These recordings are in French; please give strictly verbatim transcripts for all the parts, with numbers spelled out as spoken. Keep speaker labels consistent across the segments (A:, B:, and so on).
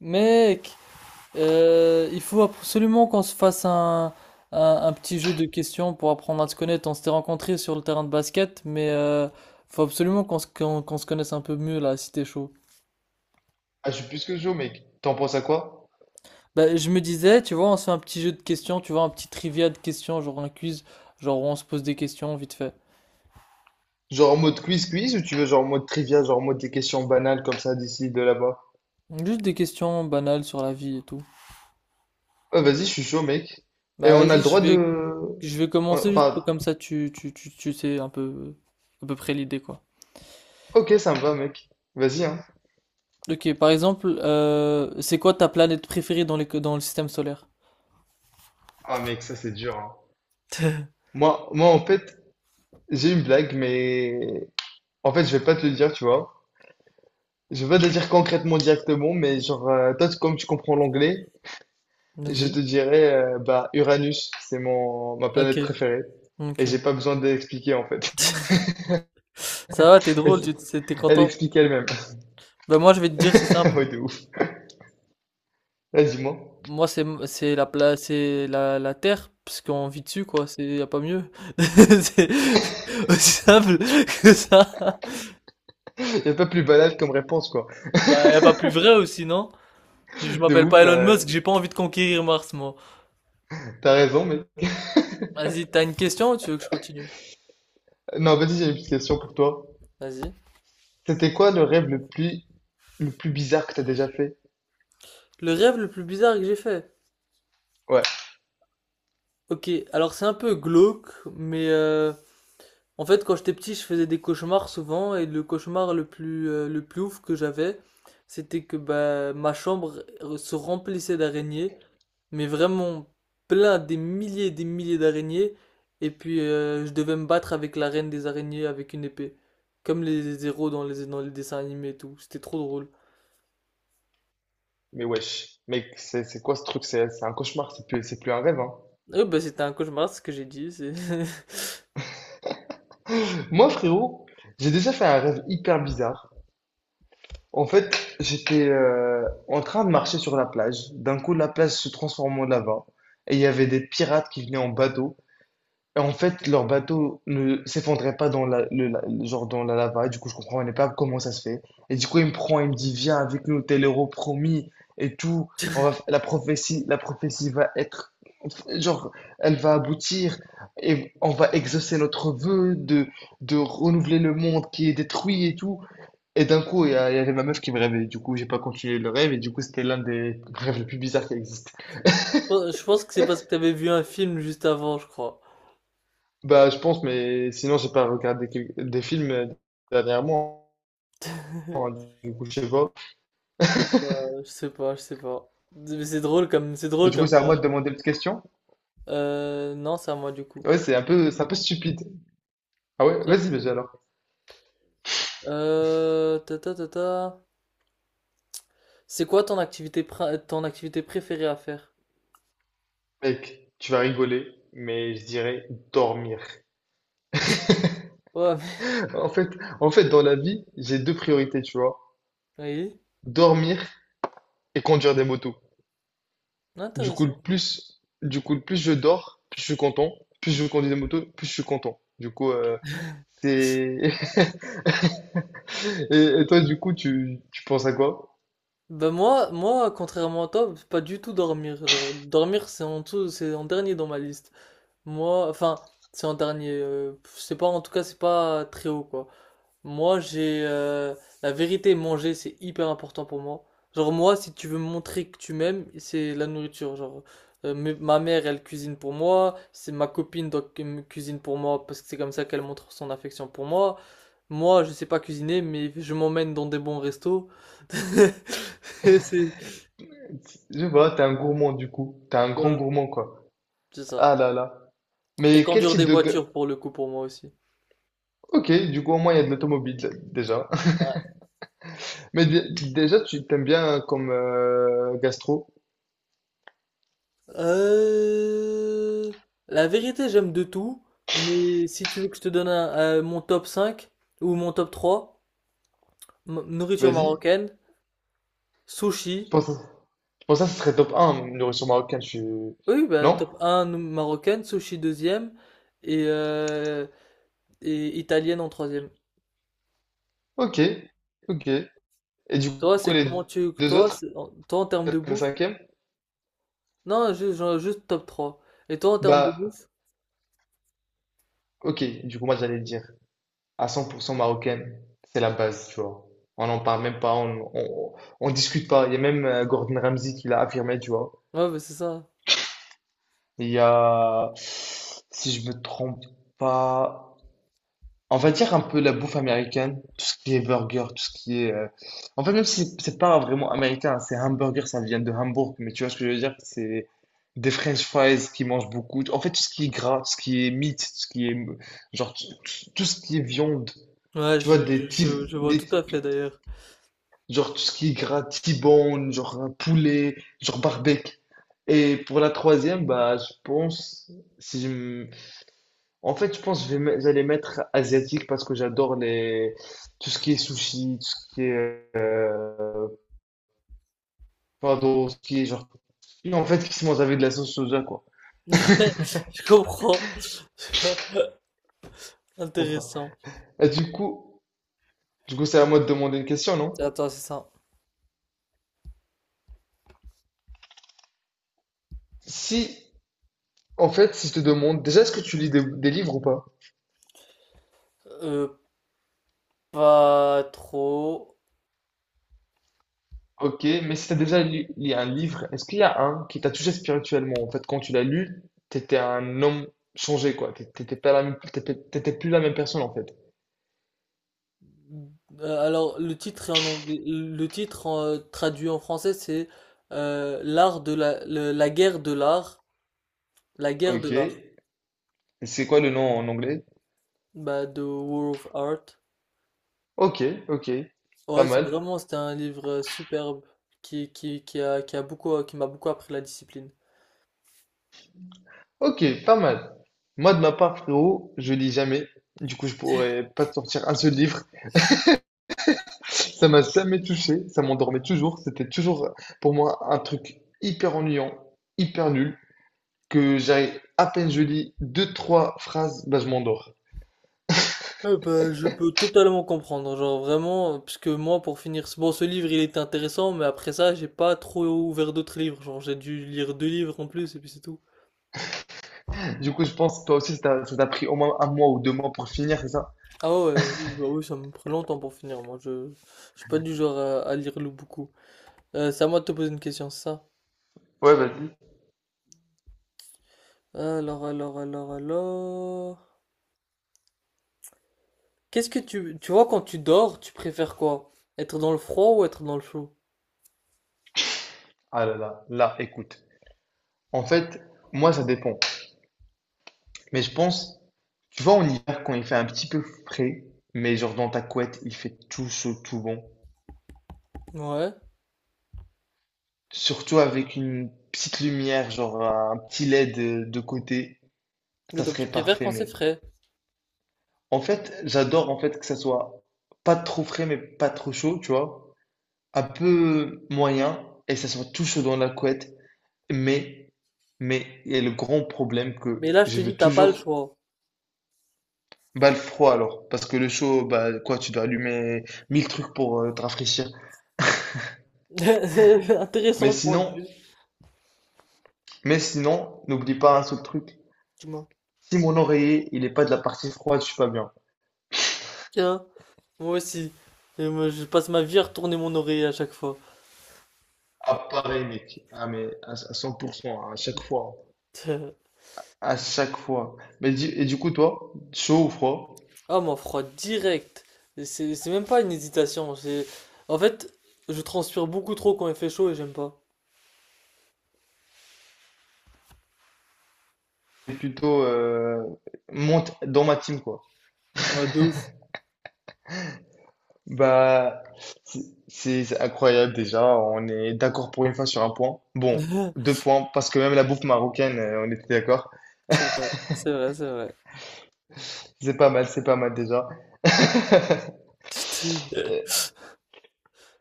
A: Mec, euh, il faut absolument qu'on se fasse un, un, un petit jeu de questions pour apprendre à se connaître. On s'était rencontrés sur le terrain de basket, mais euh, faut absolument qu'on se, qu'on, qu'on se connaisse un peu mieux là, si t'es chaud.
B: Ah, je suis plus que chaud, mec. T'en penses à quoi?
A: Bah, je me disais, tu vois, on se fait un petit jeu de questions, tu vois, un petit trivia de questions, genre un quiz, genre où on se pose des questions vite fait.
B: Genre en mode quiz quiz ou tu veux genre en mode trivia, genre en mode des questions banales comme ça d'ici, de là-bas?
A: Juste des questions banales sur la vie et tout.
B: Ouais, vas-y, je suis chaud, mec. Et
A: Bah
B: on a
A: vas-y,
B: le droit
A: je vais,
B: de...
A: je vais
B: on-
A: commencer juste pour
B: pas-
A: comme ça tu, tu, tu, tu sais un peu, à peu près l'idée quoi.
B: Ok, ça me va, mec. Vas-y, hein.
A: Ok, par exemple, euh, c'est quoi ta planète préférée dans les, dans le système solaire?
B: Ah, mec, ça c'est dur, hein. Moi, moi, en fait, j'ai une blague, mais en fait, je vais pas te le dire, tu vois. Je vais pas te dire concrètement directement, mais genre, euh, toi, tu- comme tu comprends l'anglais, je
A: Vas-y.
B: te dirais, euh, bah, Uranus, c'est mon ma
A: Ok,
B: planète préférée,
A: ok.
B: et j'ai pas besoin d'expliquer en fait.
A: Ça va, t'es drôle, tu t'es t'es
B: Elle
A: content.
B: explique elle-même.
A: Ben moi, je vais te dire, c'est simple.
B: Ouais, de ouf. Ah, dis-moi.
A: Moi, c'est c'est la pla- c'est la, la Terre, parce qu'on vit dessus, quoi. C'est y a pas mieux. C'est aussi simple que ça.
B: Il a pas plus banal comme réponse, quoi.
A: Bah, y a pas plus vrai aussi, non? Je
B: De
A: m'appelle
B: ouf,
A: pas Elon
B: t'as,
A: Musk, j'ai pas envie de conquérir Mars, moi.
B: t'as raison, mais...
A: Vas-y, t'as une question ou tu veux que je continue?
B: Non, vas-y, j'ai une petite question pour toi.
A: Vas-y.
B: C'était quoi le rêve le plus, le plus bizarre que t'as déjà fait?
A: Le rêve le plus bizarre que j'ai fait.
B: Ouais,
A: Ok, alors c'est un peu glauque, mais euh, en fait quand j'étais petit je faisais des cauchemars souvent et le cauchemar le plus, euh, le plus ouf que j'avais c'était que bah, ma chambre se remplissait d'araignées, mais vraiment plein des milliers et des milliers d'araignées et puis euh, je devais me battre avec la reine des araignées avec une épée, comme les héros dans les, dans les dessins animés et tout, c'était trop drôle.
B: mais wesh. Mec, c'est, c'est quoi ce truc? C'est, c'est un cauchemar, c'est plus, c'est plus un rêve, hein.
A: Oui bah c'était un cauchemar c'est ce que j'ai dit, c'est- je
B: Moi, frérot, j'ai déjà fait un rêve hyper bizarre. En fait, j'étais euh, en train de marcher sur la plage. D'un coup, la plage se transforme en lava. Et il y avait des pirates qui venaient en bateau. En fait, leur bateau ne s'effondrait pas dans la, le, la- le- genre dans la lava, et du coup, je comprenais pas comment ça se fait. Et du coup, il me prend, il me dit, viens avec nous, t'es l'héros promis et tout. On va, f- la prophétie, la prophétie va être, genre, elle va aboutir et on va exaucer notre vœu de, de renouveler le monde qui est détruit et tout. Et d'un coup, il y, a- il y avait ma meuf qui me rêvait. Du coup, j'ai pas continué le rêve et du coup, c'était l'un des rêves les plus bizarres qui existent.
A: pense je pense que c'est parce que t'avais vu un film juste avant je crois.
B: Bah, je pense, mais sinon, j'ai pas regardé quel- des films euh, dernièrement. Hein, du coup, je sais pas.
A: Bah, je sais pas, je sais pas. Mais c'est drôle comme, c'est
B: Bah,
A: drôle
B: du coup, c'est
A: comme.
B: à
A: Euh,
B: moi de demander une petite question.
A: euh, non, c'est à moi du coup.
B: Ouais, c'est un peu, c'est un peu stupide. Ah ouais,
A: C'est un
B: vas-y,
A: peu
B: vas-y
A: drôle.
B: alors.
A: Euh, ta ta ta ta. C'est quoi ton activité, pr- ton activité préférée à faire?
B: Mec, tu vas rigoler, mais je dirais dormir.
A: Ouais,
B: En fait, en fait, dans la vie, j'ai deux priorités, tu vois.
A: mais- oui,
B: Dormir et conduire des motos. Du coup, le
A: intéressant.
B: plus, du coup, le plus je dors, plus je suis content. Plus je conduis des motos, plus je suis content. Du coup, euh, c'est... Et, et toi, du coup, tu, tu penses à quoi?
A: Bah moi, moi, contrairement à toi, pas du tout dormir. Genre, dormir, c'est en tout, c'est en dernier dans ma liste. Moi, enfin, c'est en dernier. Euh, c'est pas, en tout cas, c'est pas très haut, quoi. Moi, j'ai euh, la vérité, manger, c'est hyper important pour moi. Genre moi, si tu veux me montrer que tu m'aimes, c'est la nourriture. Genre euh, mes- ma mère, elle cuisine pour moi, c'est ma copine donc elle me cuisine pour moi parce que c'est comme ça qu'elle montre son affection pour moi. Moi, je sais pas cuisiner, mais je m'emmène dans des bons restos. C'est
B: Je vois, t'es un gourmand du coup. T'es un grand
A: voilà,
B: gourmand quoi.
A: c'est ça.
B: Ah là là.
A: Et
B: Mais quel
A: conduire
B: type
A: des
B: de... ga-
A: voitures pour le coup pour moi aussi.
B: Ok, du coup au moins il y a de l'automobile d- déjà.
A: Ouais.
B: Mais dé- déjà tu t'aimes bien comme euh, gastro.
A: Euh, la vérité, j'aime de tout, mais si tu veux que je te donne un- euh, mon top cinq ou mon top trois m- nourriture
B: Vas-y.
A: marocaine, sushi,
B: Je pense, je pense que ça ce serait top un nourriture marocaine. Je suis...
A: oui, bah,
B: Non?
A: top un marocaine, sushi deuxième et, euh, et italienne en troisième.
B: Ok. Ok. Et du
A: Toi,
B: coup
A: c'est
B: les
A: comment tu...
B: deux
A: Toi,
B: autres,
A: c'est- en- toi, en termes de
B: quatrième et
A: bouffe?
B: cinquième?
A: Non, juste, genre, juste top trois. Et toi, en termes de
B: Bah
A: bouffe?
B: ok, du coup moi j'allais le dire. À cent pour cent marocaine. C'est la base, tu vois. On n'en parle même pas, on, on, on discute pas. Il y a même euh, Gordon Ramsay qui l'a affirmé, tu vois.
A: Ouais, bah, c'est ça.
B: Il y a, si je me trompe pas, on va dire un peu la bouffe américaine, tout ce qui est burger, tout ce qui est. euh, en fait, même si c'est pas vraiment américain, hein, c'est hamburger, ça vient de Hambourg, mais tu vois ce que je veux dire? C'est des French fries qui mangent beaucoup. En fait, tout ce qui est gras, tout ce qui est meat, tout ce qui est genre tout tout ce qui est viande.
A: Ouais,
B: Tu vois
A: je,
B: des
A: je,
B: types,
A: je, je vois
B: des,
A: tout à fait d'ailleurs.
B: Genre tout ce qui est gras, T-bone, genre un poulet, genre barbecue. Et pour la troisième, bah, je pense, si je m- en fait, je pense que je vais me- j'allais mettre asiatique parce que j'adore les, tout ce qui est sushi, tout ce qui est, euh, pardon, ce qui est genre, en fait, qui se mange avec de la sauce soja, quoi.
A: Je comprends.
B: Tu comprends.
A: Intéressant.
B: Et du coup, du coup, c'est à moi de demander une question, non?
A: Attends, c'est ça.
B: Si, en fait, si je te demande, déjà, est-ce que tu lis des, des livres ou pas?
A: Euh, pas trop.
B: Ok, mais si t'as déjà lu, lu un livre, est-ce qu'il y a un qui t'a touché spirituellement? En fait, quand tu l'as lu, t'étais un homme changé, quoi. T'é- T'étais pas la même, t'étais t'étais plus la même personne, en fait.
A: Euh, alors, le titre est en anglais. Le titre euh, traduit en français, c'est euh, l'art de la, le- la guerre de l'art. La guerre de
B: Ok.
A: l'art.
B: Et c'est quoi le nom en anglais?
A: Bah, The War of Art.
B: Ok, ok. Pas
A: Ouais, c'est
B: mal.
A: vraiment, c'était un livre euh, superbe qui, qui, qui a, qui a beaucoup, qui m'a beaucoup appris la discipline.
B: Ok, pas mal. Moi, de ma part, frérot, je lis jamais. Du coup, je pourrais pas te sortir un seul livre. Ça m'a jamais touché. Ça m'endormait toujours. C'était toujours, pour moi, un truc hyper ennuyant, hyper nul, que j'arrive, à peine je lis deux, trois phrases, bah, je m'endors.
A: Euh, bah, je peux totalement comprendre, genre vraiment, euh, parce que moi, pour finir, ce- bon, ce livre, il était intéressant, mais après ça, j'ai pas trop ouvert d'autres livres, genre j'ai dû lire deux livres en plus, et puis c'est tout.
B: Du coup, je pense que toi aussi, ça t'a ça t'a pris au moins un mois ou deux mois pour finir, c'est ça?
A: Ah ouais, oui, bah oui, ça me prend longtemps pour finir. Moi, je, je suis pas du genre à, à lire le beaucoup. Euh, c'est à moi de te poser une question, c'est ça.
B: Ouais, vas-y.
A: Alors, alors, alors, alors. Qu'est-ce que tu, tu vois, quand tu dors, tu préfères quoi? Être dans le froid ou être dans le chaud?
B: Ah là là, là, écoute. En fait, moi, ça dépend. Mais je pense, tu vois, en hiver, quand il fait un petit peu frais, mais genre dans ta couette, il fait tout chaud, tout bon.
A: Ouais.
B: Surtout avec une petite lumière, genre un petit L E D de, de côté, ça
A: Donc, tu
B: serait
A: préfères
B: parfait,
A: quand c'est
B: mec.
A: frais.
B: En fait, j'adore en fait que ça soit pas trop frais, mais pas trop chaud, tu vois. Un peu moyen, et ça soit tout chaud dans la couette. Mais, mais il y a le grand problème que
A: Mais là, je
B: je
A: te dis,
B: veux
A: t'as pas le
B: toujours
A: choix.
B: bah, le froid alors. Parce que le chaud, bah quoi, tu dois allumer mille trucs pour euh, te rafraîchir.
A: C'est intéressant
B: Mais
A: le point de
B: sinon,
A: vue.
B: mais sinon, n'oublie pas un seul truc.
A: Dis-moi.
B: Si mon oreiller, il n'est pas de la partie froide, je suis pas bien.
A: Tiens, moi aussi. Et moi, je passe ma vie à retourner mon oreiller à chaque fois.
B: Ah, pareil, mec. Ah, mais à à cent pour cent, à chaque fois. À chaque fois. Mais du- et du coup, toi, chaud ou froid,
A: Ah, mon froid direct. C'est c'est même pas une hésitation. C'est... En fait, je transpire beaucoup trop quand il fait chaud et j'aime pas.
B: t'es plutôt euh, monte dans ma team, quoi.
A: Ouais, de ouf.
B: Bah, c'est c'est- c'est incroyable déjà. On est d'accord pour une fois sur un point. Bon, deux points, parce que même la bouffe marocaine, euh, on était d'accord.
A: C'est vrai, c'est vrai, c'est vrai.
B: C'est pas mal, c'est pas mal déjà.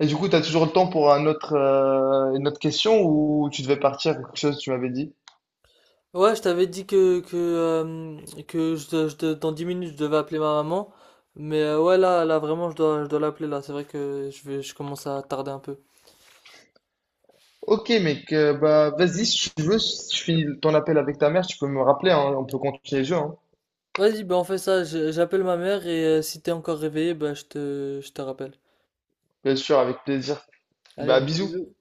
B: Et du coup, t'as toujours le temps pour un autre, euh, une autre question ou tu devais partir, quelque chose, tu m'avais dit.
A: Ouais, je t'avais dit que, que, euh, que je, dois- je dois, dans dix minutes je devais appeler ma maman. Mais euh, ouais, là, là vraiment, je dois, je dois l'appeler là. C'est vrai que je vais, je commence à tarder un peu.
B: Ok, mec, euh, bah vas-y, si tu veux, si tu finis ton appel avec ta mère, tu peux me rappeler, hein, on peut continuer le jeu, hein.
A: Vas-y, ben on fait ça. Je- J'appelle ma mère et euh, si t'es encore réveillé, bah je te, je te rappelle.
B: Bien sûr, avec plaisir.
A: Allez,
B: Bah,
A: mec,
B: bisous.
A: bisous.